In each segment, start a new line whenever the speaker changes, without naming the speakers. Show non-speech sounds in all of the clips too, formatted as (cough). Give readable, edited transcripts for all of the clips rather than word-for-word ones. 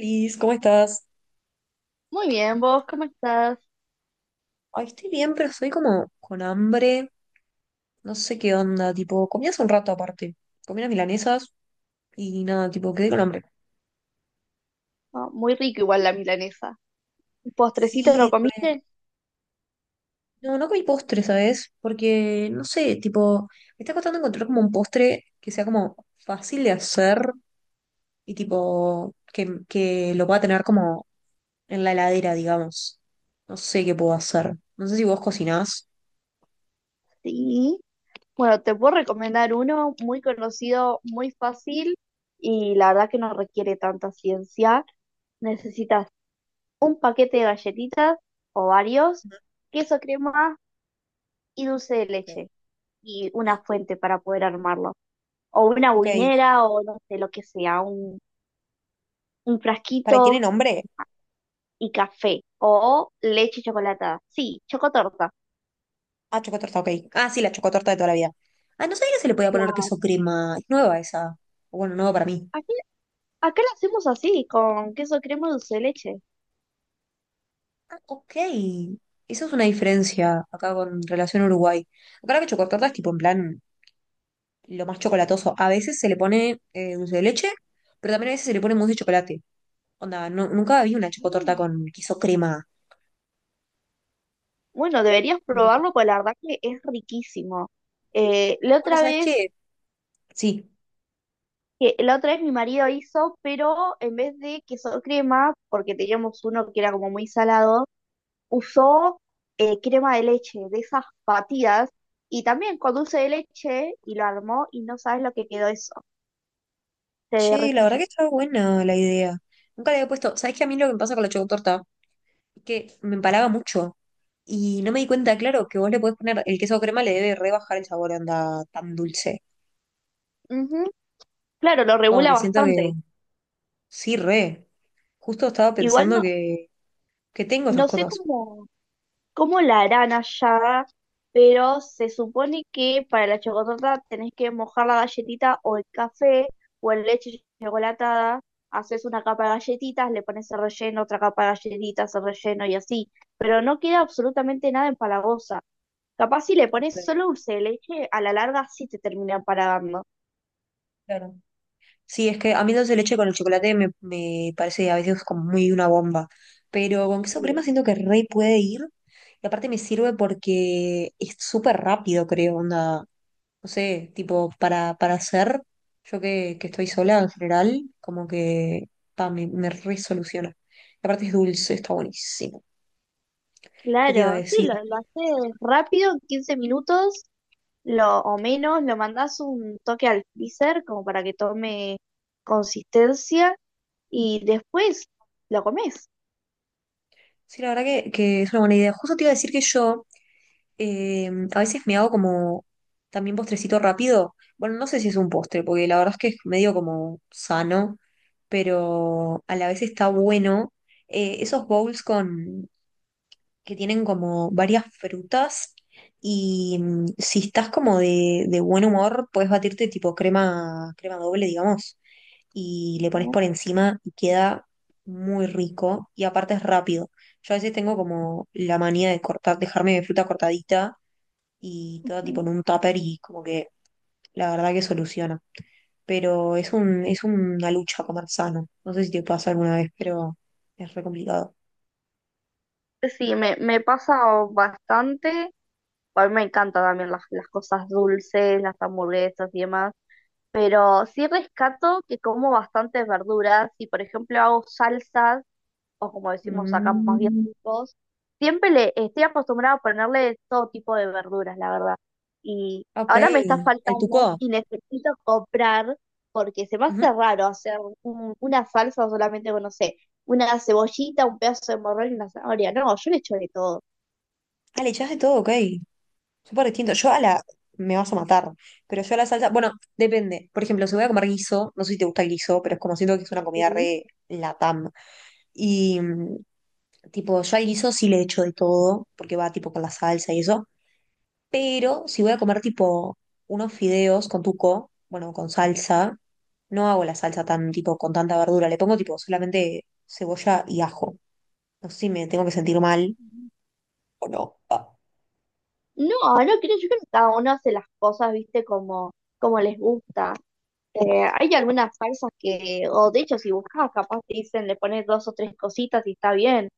Liz, ¿cómo estás?
Muy bien, vos, ¿cómo estás?
Ay, estoy bien, pero estoy como con hambre. No sé qué onda, tipo, comí hace un rato aparte. Comí unas milanesas y nada, tipo, quedé con hambre.
Ah, muy rico igual la milanesa. ¿Un ¿Postrecito no
Sí, re-
comiste?
no, no comí postre, ¿sabes? Porque, no sé, tipo, me está costando encontrar como un postre que sea como fácil de hacer y tipo, que lo pueda tener como en la heladera, digamos. No sé qué puedo hacer. No sé si vos cocinás.
Sí. Bueno, te puedo recomendar uno muy conocido, muy fácil y la verdad que no requiere tanta ciencia. Necesitas un paquete de galletitas o varios, queso crema y dulce de
Ok.
leche y una fuente para poder armarlo. O una
Ok.
buinera o no sé, lo que sea, un
¿Para tiene
frasquito
nombre?
y café o leche chocolatada. Sí, chocotorta.
Ah, chocotorta, ok. Ah, sí, la chocotorta de toda la vida. Ah, no sabía que se le podía poner queso crema. Es nueva esa. Bueno, nueva para mí.
Aquí, acá lo hacemos así, con queso crema dulce de leche.
Ah, ok. Esa es una diferencia acá con relación a Uruguay. Acá la que chocotorta es tipo en plan lo más chocolatoso. A veces se le pone dulce de leche, pero también a veces se le pone mousse de chocolate. Onda, no, nunca vi una chocotorta
Mm.
con queso crema.
Bueno, deberías
Me pare-
probarlo, pues la verdad que es riquísimo. Eh, la
Bueno,
otra
¿sabes
vez,
qué? Sí.
la otra vez mi marido hizo, pero en vez de queso crema, porque teníamos uno que era como muy salado, usó crema de leche, de esas batidas, y también con dulce de leche, y lo armó, y no sabes lo que quedó eso. Te
Che, la
derretís.
verdad que está buena la idea. Nunca le había puesto. ¿Sabes qué? A mí lo que me pasa con la chocotorta que me empalaba mucho. Y no me di cuenta, claro, que vos le podés poner el queso crema, le debe rebajar el sabor, anda tan dulce.
Ujú. Claro, lo
Como
regula
que siento
bastante.
que sí, re. Justo estaba
Igual
pensando
no,
que tengo esas
no sé
cosas.
cómo. cómo la harán allá, pero se supone que para la chocotorta tenés que mojar la galletita o el café o en leche chocolatada, haces una capa de galletitas, le pones el relleno, otra capa de galletitas, el relleno y así, pero no queda absolutamente nada empalagosa. Capaz si le
Justo
pones
ahí,
solo dulce de leche, a la larga sí te termina empalagando.
claro. Sí, es que a mí dulce de leche con el chocolate me parece a veces como muy una bomba. Pero con queso crema
Sí,
siento que re puede ir. Y aparte me sirve porque es súper rápido, creo, onda. No sé, tipo, para hacer, yo que estoy sola en general, como que pa, me resoluciona. Y aparte es dulce, está buenísimo. ¿Qué te iba a
claro, sí,
decir?
lo haces rápido, en 15 minutos o menos, lo mandás un toque al freezer como para que tome consistencia y después lo comés.
Sí, la verdad que es una buena idea. Justo te iba a decir que yo eh, a veces me hago como también postrecito rápido. Bueno, no sé si es un postre, porque la verdad es que es medio como sano, pero a la vez está bueno. Esos bowls con que tienen como varias frutas y mm, si estás como de buen humor, puedes batirte tipo crema, crema doble, digamos, y le pones
Ujú,
por encima y queda muy rico y aparte es rápido. Yo a veces tengo como la manía de cortar, dejarme mi fruta cortadita y toda tipo
ujú.
en un tupper y como que la verdad que soluciona. Pero es un, es una lucha comer sano. No sé si te pasa alguna vez, pero es re complicado.
Sí, me pasa bastante. A mí me encantan también las cosas dulces, las hamburguesas y demás. Pero sí rescato que como bastantes verduras y, por ejemplo, hago salsas o como decimos acá más bien
Mm,
todos, siempre le estoy acostumbrada a ponerle todo tipo de verduras, la verdad. Y
ok,
ahora me está
el
faltando
tuco.
y necesito comprar porque se me
Ujú.
hace raro hacer una salsa solamente con, no sé, una cebollita, un pedazo de morrón y una zanahoria. No, yo le echo de todo.
Ah, le echás de todo, ok. Súper distinto. Yo a la. Me vas a matar. Pero yo a la salsa. Bueno, depende. Por ejemplo, si voy a comer guiso, no sé si te gusta el guiso, pero es como siento que es una comida
Sí.
re latam. Y mm, tipo, yo al guiso sí le echo de todo, porque va tipo con la salsa y eso. Pero si voy a comer tipo unos fideos con tuco, bueno, con salsa, no hago la salsa tan tipo con tanta verdura. Le pongo tipo solamente cebolla y ajo. No sé si me tengo que sentir mal o no. Ah,
No, no creo, yo creo que cada uno hace las cosas, viste, como les gusta. Hay algunas salsas que, o de hecho, si buscas, capaz te dicen, le pones dos o tres cositas y está bien.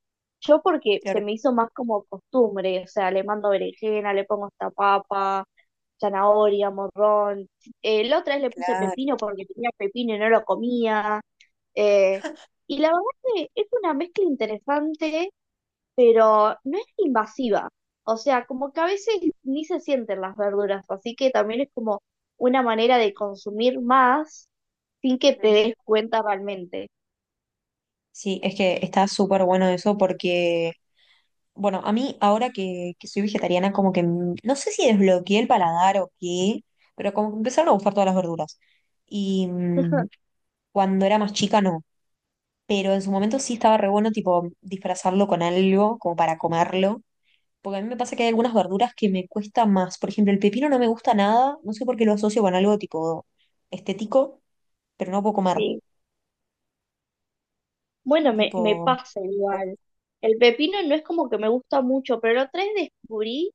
Yo porque se
claro,
me hizo más como costumbre, o sea, le mando berenjena, le pongo esta papa, zanahoria, morrón. La otra vez le puse
claro.
pepino porque tenía pepino y no lo comía. eh, y la verdad que es una mezcla interesante pero no es invasiva. O sea, como que a veces ni se sienten las verduras, así que también es como una manera de consumir más sin que te
Ujú.
des cuenta realmente.
Sí, es que está súper bueno eso porque, bueno, a mí ahora que soy vegetariana, como que m- no sé si desbloqueé el paladar o qué, pero como que empezaron a gustar todas las verduras. Y mm,
(laughs)
cuando era más chica no, pero en su momento sí estaba re bueno, tipo, disfrazarlo con algo, como para comerlo, porque a mí me pasa que hay algunas verduras que me cuesta más. Por ejemplo, el pepino no me gusta nada, no sé por qué lo asocio con algo tipo estético, pero no puedo comer.
Sí. Bueno, me
Tipo,
pasa igual. El pepino no es como que me gusta mucho, pero la otra vez descubrí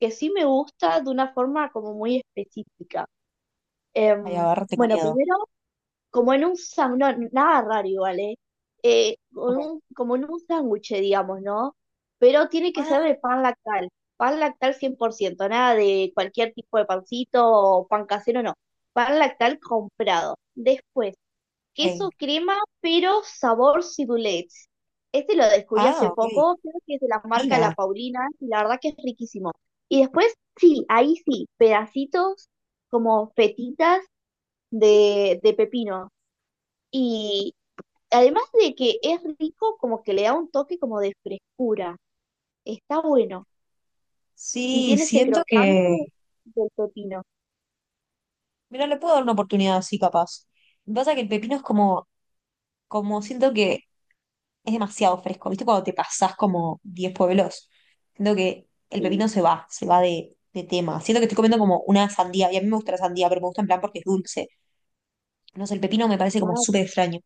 que sí me gusta de una forma como muy específica.
ay, a
Em,
ver, tengo
bueno,
miedo.
primero como en un sándwich, nada raro igual, ¿eh? Eh, con
Ok.
un- como en un sándwich, digamos, ¿no? Pero tiene que
Ah,
ser de pan lactal 100% nada de cualquier tipo de pancito o pan casero, no, pan lactal comprado. Después, queso
ok.
crema, pero sabor ciboulette. Este lo descubrí
Ah,
hace
ok.
poco, creo que es de la marca La
Fina.
Paulina, y la verdad que es riquísimo. Y después, sí, ahí sí, pedacitos como fetitas de pepino. Y además de que es rico, como que le da un toque como de frescura. Está bueno. Y
Sí,
tiene ese
siento
crocante
que.
del pepino.
Mira, le puedo dar una oportunidad así, capaz. Lo que pasa es que el pepino es como, como siento que es demasiado fresco. ¿Viste cuando te pasás como 10 pueblos? Siento que el
Sí,
pepino se va de tema. Siento que estoy comiendo como una sandía. Y a mí me gusta la sandía, pero me gusta en plan porque es dulce. No sé, el pepino me parece como
claro,
súper extraño.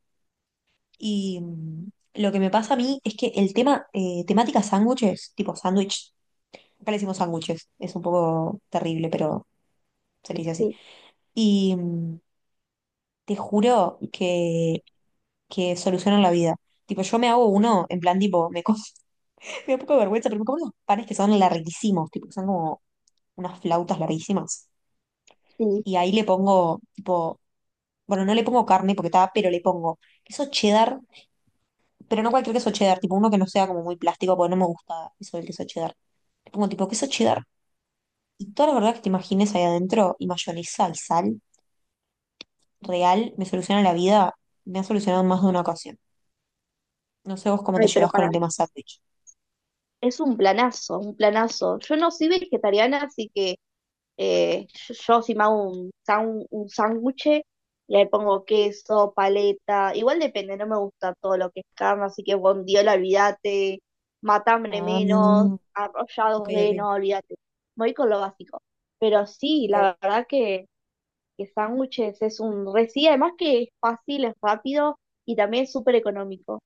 Y mm, lo que me pasa a mí es que el tema, temática sándwiches, tipo sándwich, acá le decimos sándwiches, es un poco terrible, pero se le dice así.
sí,
Y mm, te juro que solucionan la vida. Tipo, yo me hago uno, en plan, tipo, me, co- (laughs) me da un poco de vergüenza, pero me como unos panes que son larguísimos, tipo, que son como unas flautas larguísimas.
sí.
Y ahí le pongo, tipo, bueno, no le pongo carne porque está, pero le pongo queso cheddar, pero no cualquier queso cheddar, tipo uno que no sea como muy plástico, porque no me gusta eso del queso cheddar. Le pongo tipo queso cheddar y todas las verdad que te imagines ahí adentro y mayonesa y sal real me soluciona la vida, me ha solucionado en más de una ocasión. No sé vos cómo te
Ay, pero
llevas con
para,
el tema sándwich.
es un planazo, un planazo. Yo no soy vegetariana, así que yo si me hago un sándwich, le pongo queso, paleta, igual depende, no me gusta todo lo que es carne, así que bondiola, olvídate, matambre
Ah,
menos,
ok,
arrollados de,
ok.
no, olvídate. Voy con lo básico. Pero sí,
Ok.
la verdad que, sándwiches es un re, sí, además que es fácil, es rápido y también es súper económico.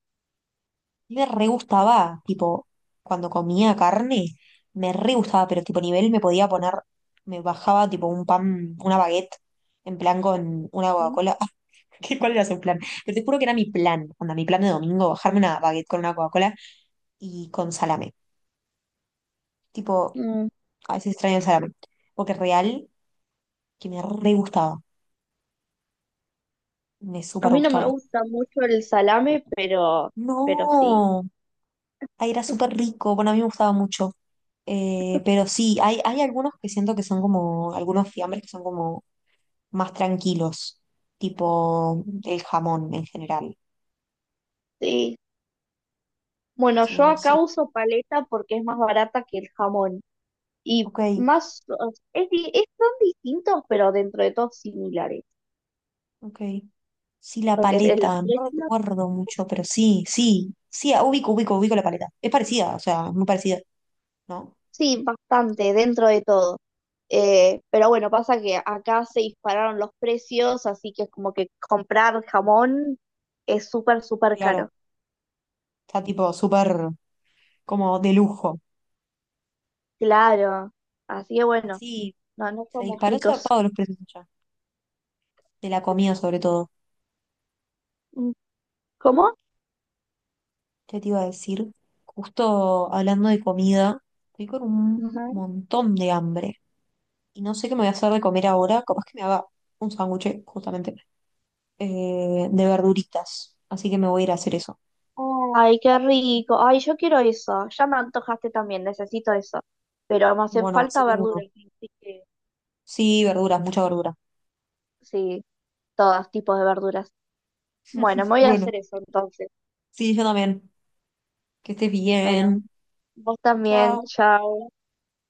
Me re gustaba, tipo, cuando comía carne, me re gustaba, pero tipo nivel me podía poner, me bajaba tipo un pan, una baguette, en plan con una
Ujú.
Coca-Cola. (laughs) ¿Qué- ¿Cuál era su plan? Pero te juro que era mi plan, onda, mi plan de domingo, bajarme una baguette con una Coca-Cola y con salame. Tipo,
Mm,
a veces extraño el salame, porque real que me re gustaba, me
A
súper
mí no me
gustaba.
gusta mucho el salame, pero sí.
No, ahí era súper rico, bueno, a mí me gustaba mucho. Pero sí, hay algunos que siento que son como, algunos fiambres que son como más tranquilos, tipo el jamón en general.
Sí, bueno,
Sí,
yo
no
acá
sé.
uso paleta porque es más barata que el jamón. Y
Ok,
más, o sea, son distintos, pero dentro de todo similares.
ok. Sí, la
Porque en los
paleta, no
precios,
recuerdo mucho, pero sí, sí, sí, ah, ubico, ubico, ubico la paleta. Es parecida, o sea, muy parecida, ¿no?
sí, bastante, dentro de todo. Pero bueno, pasa que acá se dispararon los precios, así que es como que comprar jamón es súper, súper
Claro,
caro.
está tipo súper como de lujo.
Claro. Así que bueno,
Sí,
no, no
se
somos
disparó
ricos.
zarpado los precios allá, de la comida sobre todo.
Mm, ¿Cómo?
¿Qué te iba a decir? Justo hablando de comida, estoy con un montón de hambre y no sé qué me voy a hacer de comer ahora. Capaz que me haga un sándwich, justamente, de verduritas. Así que me voy a ir a hacer eso.
Ay, qué rico. Ay, yo quiero eso. Ya me antojaste también, necesito eso. Pero me hacen
Bueno, así
falta
que uno.
verduras, así que eh,
Sí, verduras, mucha verdura.
sí, todos tipos de verduras. Bueno, me voy a
Bueno,
hacer eso entonces.
sí, yo también. Que estés
Bueno,
bien.
vos también,
Chao.
chao.